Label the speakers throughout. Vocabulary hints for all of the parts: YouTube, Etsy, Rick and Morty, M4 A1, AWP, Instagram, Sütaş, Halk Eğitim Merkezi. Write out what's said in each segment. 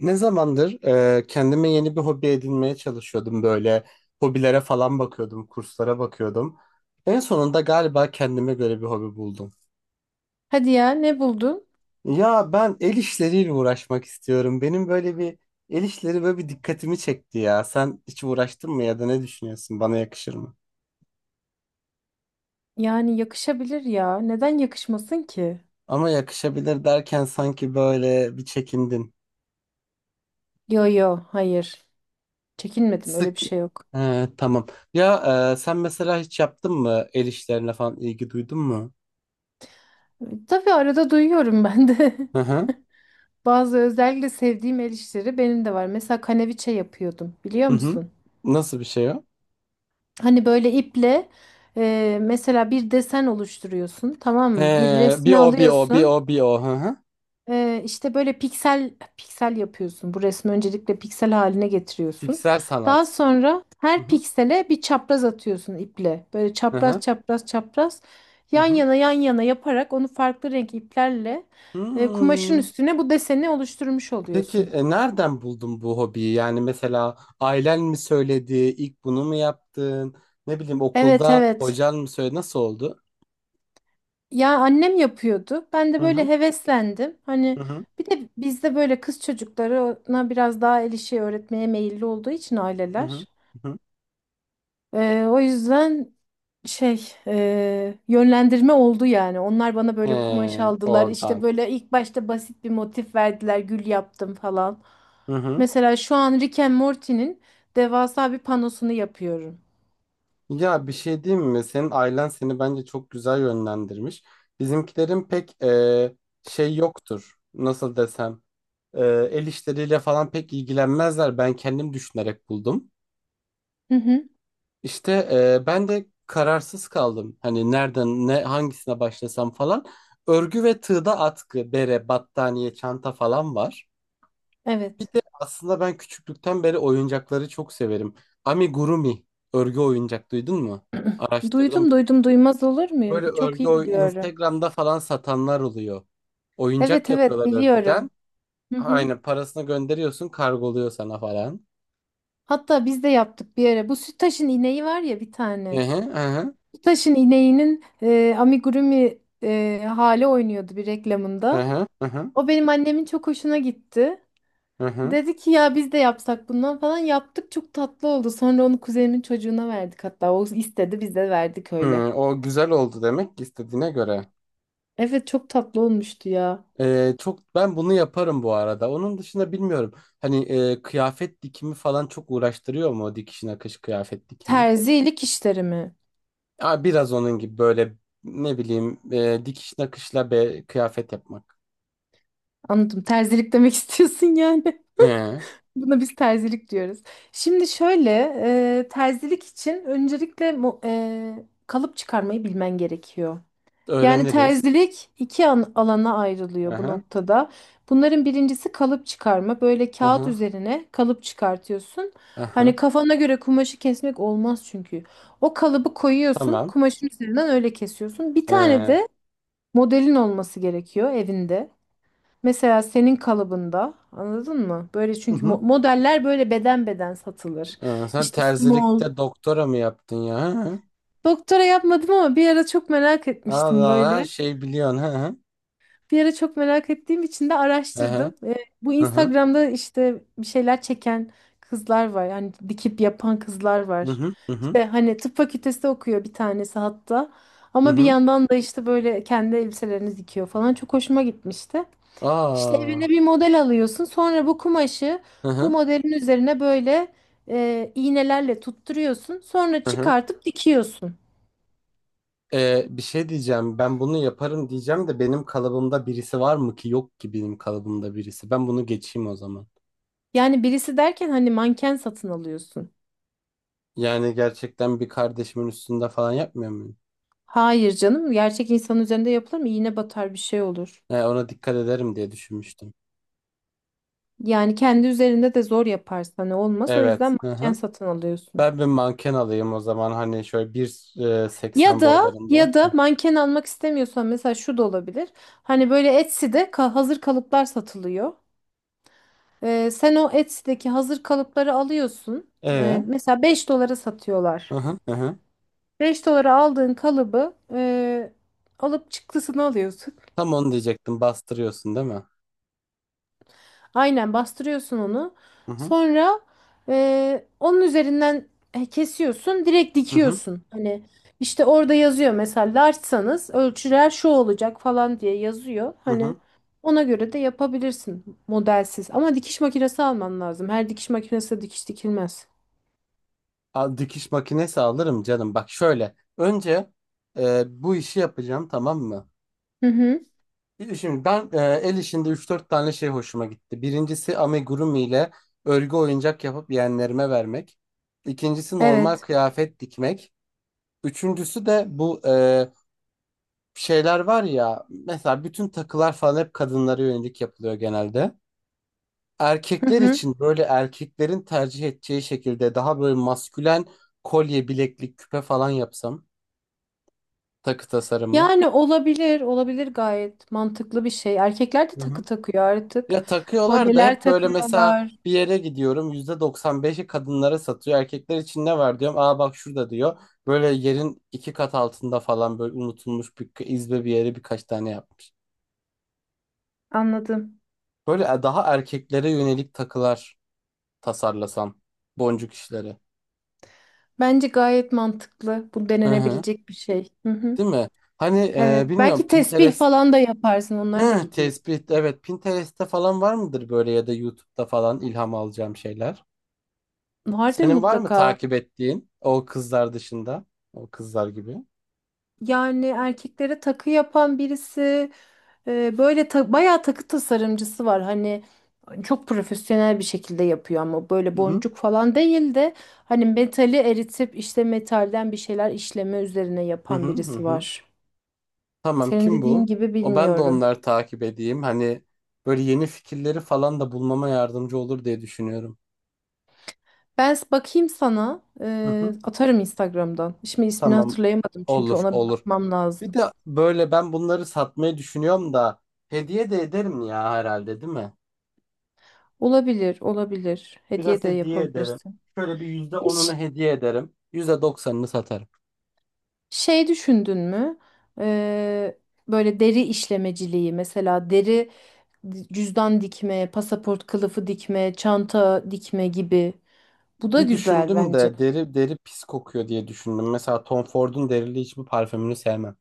Speaker 1: Ne zamandır kendime yeni bir hobi edinmeye çalışıyordum böyle. Hobilere falan bakıyordum, kurslara bakıyordum. En sonunda galiba kendime göre bir hobi buldum.
Speaker 2: Hadi ya, ne buldun?
Speaker 1: Ya ben el işleriyle uğraşmak istiyorum. Benim böyle bir el işleri böyle bir dikkatimi çekti ya. Sen hiç uğraştın mı ya da ne düşünüyorsun? Bana yakışır mı?
Speaker 2: Yani yakışabilir ya. Neden yakışmasın ki?
Speaker 1: Ama yakışabilir derken sanki böyle bir çekindin.
Speaker 2: Yo yo hayır. Çekinmedim, öyle
Speaker 1: Sık.
Speaker 2: bir şey yok.
Speaker 1: He, tamam. Ya sen mesela hiç yaptın mı el işlerine falan ilgi duydun mu?
Speaker 2: Tabii arada duyuyorum ben de.
Speaker 1: Hı hı.
Speaker 2: Bazı özellikle sevdiğim el işleri benim de var. Mesela kaneviçe yapıyordum, biliyor
Speaker 1: Hı hı.
Speaker 2: musun?
Speaker 1: Nasıl bir şey o?
Speaker 2: Hani böyle iple mesela bir desen oluşturuyorsun, tamam mı? Bir
Speaker 1: He, bir
Speaker 2: resmi
Speaker 1: o bir o bir
Speaker 2: alıyorsun.
Speaker 1: o bir o. Hı hı.
Speaker 2: İşte böyle piksel piksel yapıyorsun. Bu resmi öncelikle piksel haline getiriyorsun.
Speaker 1: Piksel
Speaker 2: Daha
Speaker 1: sanat.
Speaker 2: sonra
Speaker 1: Hı
Speaker 2: her
Speaker 1: hı.
Speaker 2: piksele bir çapraz atıyorsun iple. Böyle
Speaker 1: Hı
Speaker 2: çapraz
Speaker 1: hı.
Speaker 2: çapraz çapraz
Speaker 1: Hı
Speaker 2: yan
Speaker 1: hı.
Speaker 2: yana yan yana yaparak onu farklı renk iplerle kumaşın
Speaker 1: Hmm.
Speaker 2: üstüne bu deseni oluşturmuş
Speaker 1: Peki
Speaker 2: oluyorsun.
Speaker 1: nereden buldun bu hobiyi? Yani mesela ailen mi söyledi? İlk bunu mu yaptın? Ne bileyim
Speaker 2: Evet
Speaker 1: okulda
Speaker 2: evet.
Speaker 1: hocan mı söyledi? Nasıl oldu?
Speaker 2: Ya annem yapıyordu. Ben
Speaker 1: Hı
Speaker 2: de
Speaker 1: hı.
Speaker 2: böyle heveslendim. Hani
Speaker 1: Hı hı.
Speaker 2: bir de bizde böyle kız çocuklarına biraz daha el işi öğretmeye meyilli olduğu için
Speaker 1: Hı hı.
Speaker 2: aileler.
Speaker 1: Hı hı.
Speaker 2: O yüzden şey yönlendirme oldu yani. Onlar bana
Speaker 1: He,
Speaker 2: böyle kumaş aldılar.
Speaker 1: oradan.
Speaker 2: İşte böyle ilk başta basit bir motif verdiler. Gül yaptım falan.
Speaker 1: Hı hı.
Speaker 2: Mesela şu an Rick and Morty'nin devasa bir panosunu yapıyorum.
Speaker 1: Ya bir şey diyeyim mi? Senin ailen seni bence çok güzel yönlendirmiş. Bizimkilerin pek şey yoktur. Nasıl desem? E, El işleriyle falan pek ilgilenmezler. Ben kendim düşünerek buldum.
Speaker 2: Hı hı,
Speaker 1: İşte ben de kararsız kaldım. Hani nereden ne hangisine başlasam falan. Örgü ve tığda atkı, bere, battaniye, çanta falan var. Bir
Speaker 2: evet.
Speaker 1: de aslında ben küçüklükten beri oyuncakları çok severim. Amigurumi örgü oyuncak duydun mu? Araştırdım.
Speaker 2: Duydum duydum, duymaz olur muyum?
Speaker 1: Böyle
Speaker 2: Bir çok iyi biliyorum.
Speaker 1: Instagram'da falan satanlar oluyor. Oyuncak
Speaker 2: Evet evet,
Speaker 1: yapıyorlar örgüden.
Speaker 2: biliyorum. Hı hı.
Speaker 1: Aynen parasını gönderiyorsun, kargoluyor sana falan.
Speaker 2: Hatta biz de yaptık bir ara. Bu Sütaş'ın ineği var ya bir
Speaker 1: Hı
Speaker 2: tane.
Speaker 1: hı, hı hı.
Speaker 2: Taş'ın ineğinin amigurumi hali oynuyordu bir
Speaker 1: Hı
Speaker 2: reklamında.
Speaker 1: hı hı hı.
Speaker 2: O benim annemin çok hoşuna gitti.
Speaker 1: Hı hı.
Speaker 2: Dedi ki ya biz de yapsak bundan falan, yaptık çok tatlı oldu. Sonra onu kuzenimin çocuğuna verdik, hatta o istedi biz de verdik öyle.
Speaker 1: Hı, o güzel oldu demek ki istediğine göre.
Speaker 2: Evet, çok tatlı olmuştu ya.
Speaker 1: Çok ben bunu yaparım bu arada. Onun dışında bilmiyorum. Hani kıyafet dikimi falan çok uğraştırıyor mu o dikiş nakış kıyafet dikimi?
Speaker 2: Terzilik işleri mi?
Speaker 1: Aa, biraz onun gibi böyle ne bileyim dikiş nakışla kıyafet yapmak.
Speaker 2: Anladım, terzilik demek istiyorsun yani.
Speaker 1: Hı,
Speaker 2: Buna biz terzilik diyoruz. Şimdi şöyle terzilik için öncelikle kalıp çıkarmayı bilmen gerekiyor. Yani
Speaker 1: öğreniriz.
Speaker 2: terzilik iki alana
Speaker 1: Hı
Speaker 2: ayrılıyor bu
Speaker 1: hı
Speaker 2: noktada. Bunların birincisi kalıp çıkarma. Böyle kağıt
Speaker 1: hı.
Speaker 2: üzerine kalıp çıkartıyorsun. Hani kafana göre kumaşı kesmek olmaz çünkü. O kalıbı koyuyorsun,
Speaker 1: Tamam.
Speaker 2: kumaşın üzerinden öyle kesiyorsun. Bir tane
Speaker 1: Hı
Speaker 2: de modelin olması gerekiyor evinde. Mesela senin kalıbında, anladın mı? Böyle, çünkü
Speaker 1: hı.
Speaker 2: modeller böyle beden beden satılır.
Speaker 1: Tamam. Sen
Speaker 2: İşte small.
Speaker 1: terzilikte doktora mı yaptın ya? Hı hı.
Speaker 2: Doktora yapmadım ama bir ara çok merak etmiştim
Speaker 1: Allah her
Speaker 2: böyle.
Speaker 1: şey biliyorsun. Hı hı.
Speaker 2: Bir ara çok merak ettiğim için de
Speaker 1: Hı hı.
Speaker 2: araştırdım. Bu
Speaker 1: Hı hı.
Speaker 2: Instagram'da işte bir şeyler çeken kızlar var. Yani dikip yapan kızlar
Speaker 1: Hı
Speaker 2: var.
Speaker 1: hı hı hı
Speaker 2: İşte hani tıp fakültesi okuyor bir tanesi hatta.
Speaker 1: hı
Speaker 2: Ama bir
Speaker 1: hı.
Speaker 2: yandan da işte böyle kendi elbiselerini dikiyor falan. Çok hoşuma gitmişti. İşte evine
Speaker 1: Aa.
Speaker 2: bir model alıyorsun. Sonra bu kumaşı
Speaker 1: Hı
Speaker 2: bu
Speaker 1: hı
Speaker 2: modelin üzerine böyle iğnelerle tutturuyorsun. Sonra
Speaker 1: hı hı.
Speaker 2: çıkartıp dikiyorsun.
Speaker 1: Bir şey diyeceğim. Ben bunu yaparım diyeceğim de benim kalıbımda birisi var mı ki? Yok ki benim kalıbımda birisi. Ben bunu geçeyim o zaman.
Speaker 2: Yani birisi derken hani manken satın alıyorsun.
Speaker 1: Yani gerçekten bir kardeşimin üstünde falan yapmıyor muyum?
Speaker 2: Hayır canım, gerçek insan üzerinde yapılır mı? İğne batar, bir şey olur.
Speaker 1: He, ona dikkat ederim diye düşünmüştüm.
Speaker 2: Yani kendi üzerinde de zor yaparsan ne olmaz. O yüzden
Speaker 1: Evet. Hı
Speaker 2: manken
Speaker 1: hı.
Speaker 2: satın alıyorsun.
Speaker 1: Ben bir manken alayım o zaman hani şöyle
Speaker 2: Ya
Speaker 1: 1,80
Speaker 2: da
Speaker 1: boylarında.
Speaker 2: ya da manken almak istemiyorsan mesela şu da olabilir. Hani böyle Etsy'de hazır kalıplar satılıyor. Sen o Etsy'deki hazır kalıpları alıyorsun. Ee,
Speaker 1: Ee,
Speaker 2: mesela 5 dolara satıyorlar.
Speaker 1: hı hı hı hı.
Speaker 2: 5 dolara aldığın kalıbı alıp çıktısını alıyorsun.
Speaker 1: Tam onu diyecektim. Bastırıyorsun değil mi?
Speaker 2: Aynen bastırıyorsun onu.
Speaker 1: Hı hı
Speaker 2: Sonra onun üzerinden kesiyorsun, direkt
Speaker 1: hı hı.
Speaker 2: dikiyorsun. Hani işte orada yazıyor mesela larçsanız ölçüler şu olacak falan diye yazıyor.
Speaker 1: Hı
Speaker 2: Hani
Speaker 1: hı.
Speaker 2: ona göre de yapabilirsin modelsiz. Ama dikiş makinesi alman lazım. Her dikiş makinesi de dikiş dikilmez.
Speaker 1: Al, dikiş makinesi alırım canım. Bak şöyle. Önce bu işi yapacağım tamam mı?
Speaker 2: Hı hı.
Speaker 1: Şimdi ben el işinde üç dört tane şey hoşuma gitti. Birincisi amigurumi ile örgü oyuncak yapıp yeğenlerime vermek. İkincisi normal
Speaker 2: Evet.
Speaker 1: kıyafet dikmek. Üçüncüsü de bu şeyler var ya. Mesela bütün takılar falan hep kadınlara yönelik yapılıyor genelde.
Speaker 2: Hı
Speaker 1: Erkekler
Speaker 2: hı.
Speaker 1: için böyle erkeklerin tercih edeceği şekilde daha böyle maskülen kolye, bileklik, küpe falan yapsam. Takı tasarımı.
Speaker 2: Yani olabilir, olabilir, gayet mantıklı bir şey. Erkekler de
Speaker 1: Hı hı.
Speaker 2: takı takıyor artık.
Speaker 1: Ya takıyorlar da
Speaker 2: Kolyeler
Speaker 1: hep böyle mesela
Speaker 2: takıyorlar.
Speaker 1: bir yere gidiyorum %95'i kadınlara satıyor. Erkekler için ne var diyorum. Aa bak şurada diyor. Böyle yerin iki kat altında falan böyle unutulmuş bir izbe bir yere birkaç tane yapmış.
Speaker 2: Anladım.
Speaker 1: Böyle daha erkeklere yönelik takılar tasarlasam. Boncuk işleri.
Speaker 2: Bence gayet mantıklı. Bu
Speaker 1: Hı hı.
Speaker 2: denenebilecek bir şey. Hı hı.
Speaker 1: Değil mi? Hani
Speaker 2: Evet.
Speaker 1: bilmiyorum
Speaker 2: Belki tesbih
Speaker 1: Pinterest.
Speaker 2: falan da yaparsın. Onlar da
Speaker 1: Hı,
Speaker 2: gidiyor.
Speaker 1: tespit evet Pinterest'te falan var mıdır böyle ya da YouTube'da falan ilham alacağım şeyler?
Speaker 2: Vardır
Speaker 1: Senin var mı
Speaker 2: mutlaka.
Speaker 1: takip ettiğin o kızlar dışında? O kızlar gibi.
Speaker 2: Yani erkeklere takı yapan birisi, böyle bayağı takı tasarımcısı var. Hani çok profesyonel bir şekilde yapıyor ama böyle
Speaker 1: Hı hı.
Speaker 2: boncuk falan değil de hani metali eritip işte metalden bir şeyler işleme üzerine
Speaker 1: Hı hı
Speaker 2: yapan
Speaker 1: hı.
Speaker 2: birisi
Speaker 1: Hı.
Speaker 2: var.
Speaker 1: Tamam
Speaker 2: Senin
Speaker 1: kim bu?
Speaker 2: dediğin gibi,
Speaker 1: O ben de
Speaker 2: bilmiyorum.
Speaker 1: onları takip edeyim. Hani böyle yeni fikirleri falan da bulmama yardımcı olur diye düşünüyorum.
Speaker 2: Ben bakayım sana.
Speaker 1: Hı hı.
Speaker 2: Atarım Instagram'dan. Şimdi ismini
Speaker 1: Tamam,
Speaker 2: hatırlayamadım çünkü
Speaker 1: olur
Speaker 2: ona bir
Speaker 1: olur.
Speaker 2: bakmam
Speaker 1: Bir
Speaker 2: lazım.
Speaker 1: de böyle ben bunları satmayı düşünüyorum da hediye de ederim ya herhalde değil mi?
Speaker 2: Olabilir, olabilir. Hediye
Speaker 1: Biraz
Speaker 2: de
Speaker 1: hediye ederim.
Speaker 2: yapabilirsin.
Speaker 1: Şöyle bir yüzde onunu
Speaker 2: Hiç
Speaker 1: hediye ederim. Yüzde doksanını satarım.
Speaker 2: şey düşündün mü? Ee, böyle deri işlemeciliği, mesela deri cüzdan dikme, pasaport kılıfı dikme, çanta dikme gibi. Bu da
Speaker 1: Bir
Speaker 2: güzel
Speaker 1: düşündüm
Speaker 2: bence.
Speaker 1: de deri deri pis kokuyor diye düşündüm. Mesela Tom Ford'un derili hiçbir parfümünü sevmem.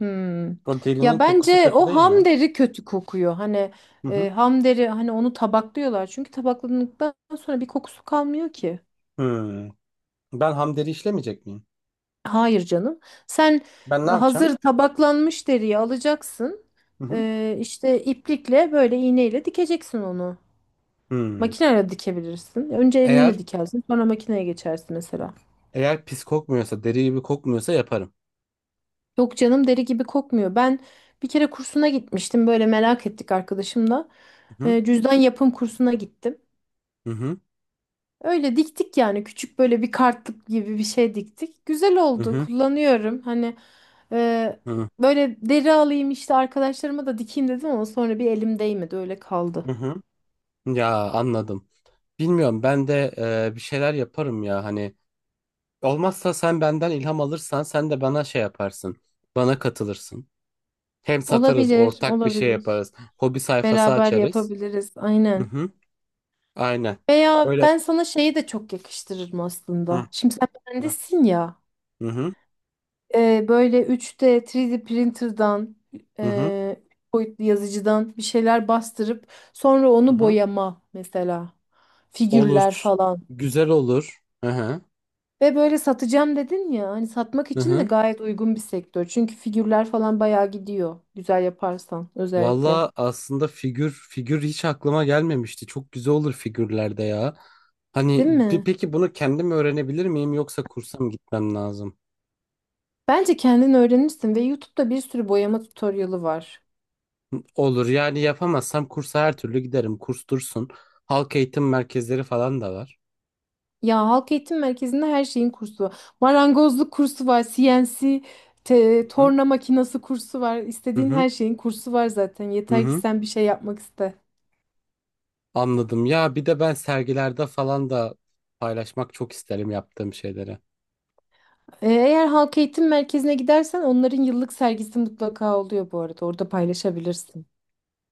Speaker 2: Hmm.
Speaker 1: O derinin
Speaker 2: Ya
Speaker 1: kokusu
Speaker 2: bence
Speaker 1: kötü
Speaker 2: o
Speaker 1: değil mi?
Speaker 2: ham deri kötü kokuyor. Hani
Speaker 1: Hı hı.
Speaker 2: ham deri, hani onu tabaklıyorlar. Çünkü tabakladıktan sonra bir kokusu kalmıyor ki.
Speaker 1: Hmm. Ben ham deri işlemeyecek miyim?
Speaker 2: Hayır canım. Sen
Speaker 1: Ben ne yapacağım?
Speaker 2: hazır tabaklanmış deriyi alacaksın.
Speaker 1: Hı hı.
Speaker 2: E, işte iplikle böyle iğneyle dikeceksin onu.
Speaker 1: Hmm.
Speaker 2: Makineyle dikebilirsin. Önce
Speaker 1: Eğer
Speaker 2: elinle dikersin, sonra makineye geçersin mesela.
Speaker 1: eğer pis kokmuyorsa, deri gibi kokmuyorsa yaparım.
Speaker 2: Yok canım, deri gibi kokmuyor. Ben bir kere kursuna gitmiştim. Böyle merak ettik arkadaşımla.
Speaker 1: Hı hı.
Speaker 2: Cüzdan yapım kursuna gittim.
Speaker 1: Hı hı.
Speaker 2: Öyle diktik yani, küçük böyle bir kartlık gibi bir şey diktik. Güzel
Speaker 1: Hı
Speaker 2: oldu,
Speaker 1: hı.
Speaker 2: kullanıyorum. Hani e,
Speaker 1: Hı
Speaker 2: böyle deri alayım işte arkadaşlarıma da dikeyim dedim, ama sonra bir elim değmedi öyle kaldı.
Speaker 1: hı. Hı. Ya anladım. Bilmiyorum ben de bir şeyler yaparım ya hani olmazsa sen benden ilham alırsan sen de bana şey yaparsın. Bana katılırsın. Hem satarız,
Speaker 2: Olabilir,
Speaker 1: ortak bir şey
Speaker 2: olabilir.
Speaker 1: yaparız. Hobi sayfası
Speaker 2: Beraber
Speaker 1: açarız.
Speaker 2: yapabiliriz,
Speaker 1: Hı
Speaker 2: aynen.
Speaker 1: hı. Aynen.
Speaker 2: Veya
Speaker 1: Öyle.
Speaker 2: ben sana şeyi de çok yakıştırırım
Speaker 1: Hı
Speaker 2: aslında. Şimdi sen
Speaker 1: hı.
Speaker 2: mühendissin ya.
Speaker 1: Hı hı.
Speaker 2: Böyle 3D printer'dan
Speaker 1: Hı hı.
Speaker 2: e, boyutlu yazıcıdan bir şeyler bastırıp sonra
Speaker 1: Hı
Speaker 2: onu
Speaker 1: hı.
Speaker 2: boyama, mesela figürler
Speaker 1: Olur.
Speaker 2: falan.
Speaker 1: Güzel olur. Hı hı.
Speaker 2: Ve böyle satacağım dedin ya, hani satmak
Speaker 1: Hı
Speaker 2: için de
Speaker 1: hı.
Speaker 2: gayet uygun bir sektör. Çünkü figürler falan bayağı gidiyor, güzel yaparsan özellikle.
Speaker 1: Valla aslında figür figür hiç aklıma gelmemişti. Çok güzel olur figürlerde ya. Hani
Speaker 2: Değil mi?
Speaker 1: peki bunu kendim öğrenebilir miyim yoksa kursa mı gitmem lazım?
Speaker 2: Bence kendin öğrenirsin ve YouTube'da bir sürü boyama tutorialı var.
Speaker 1: Olur, yani yapamazsam kursa her türlü giderim. Kurs dursun. Halk eğitim merkezleri falan da var.
Speaker 2: Ya Halk Eğitim Merkezi'nde her şeyin kursu var. Marangozluk kursu var, CNC,
Speaker 1: Hı hı.
Speaker 2: torna makinası kursu var.
Speaker 1: Hı
Speaker 2: İstediğin
Speaker 1: hı.
Speaker 2: her şeyin kursu var zaten.
Speaker 1: Hı
Speaker 2: Yeter ki
Speaker 1: hı.
Speaker 2: sen bir şey yapmak iste.
Speaker 1: Anladım. Ya bir de ben sergilerde falan da paylaşmak çok isterim yaptığım şeyleri.
Speaker 2: Eğer Halk Eğitim Merkezi'ne gidersen onların yıllık sergisi mutlaka oluyor bu arada. Orada paylaşabilirsin.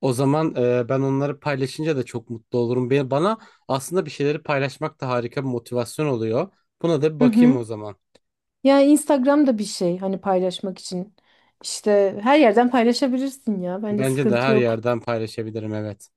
Speaker 1: O zaman ben onları paylaşınca da çok mutlu olurum. Bana aslında bir şeyleri paylaşmak da harika bir motivasyon oluyor. Buna da bir
Speaker 2: Hı
Speaker 1: bakayım
Speaker 2: hı.
Speaker 1: o zaman.
Speaker 2: Ya Instagram da bir şey, hani paylaşmak için. İşte her yerden paylaşabilirsin ya. Bence
Speaker 1: Bence de
Speaker 2: sıkıntı
Speaker 1: her
Speaker 2: yok.
Speaker 1: yerden paylaşabilirim, evet.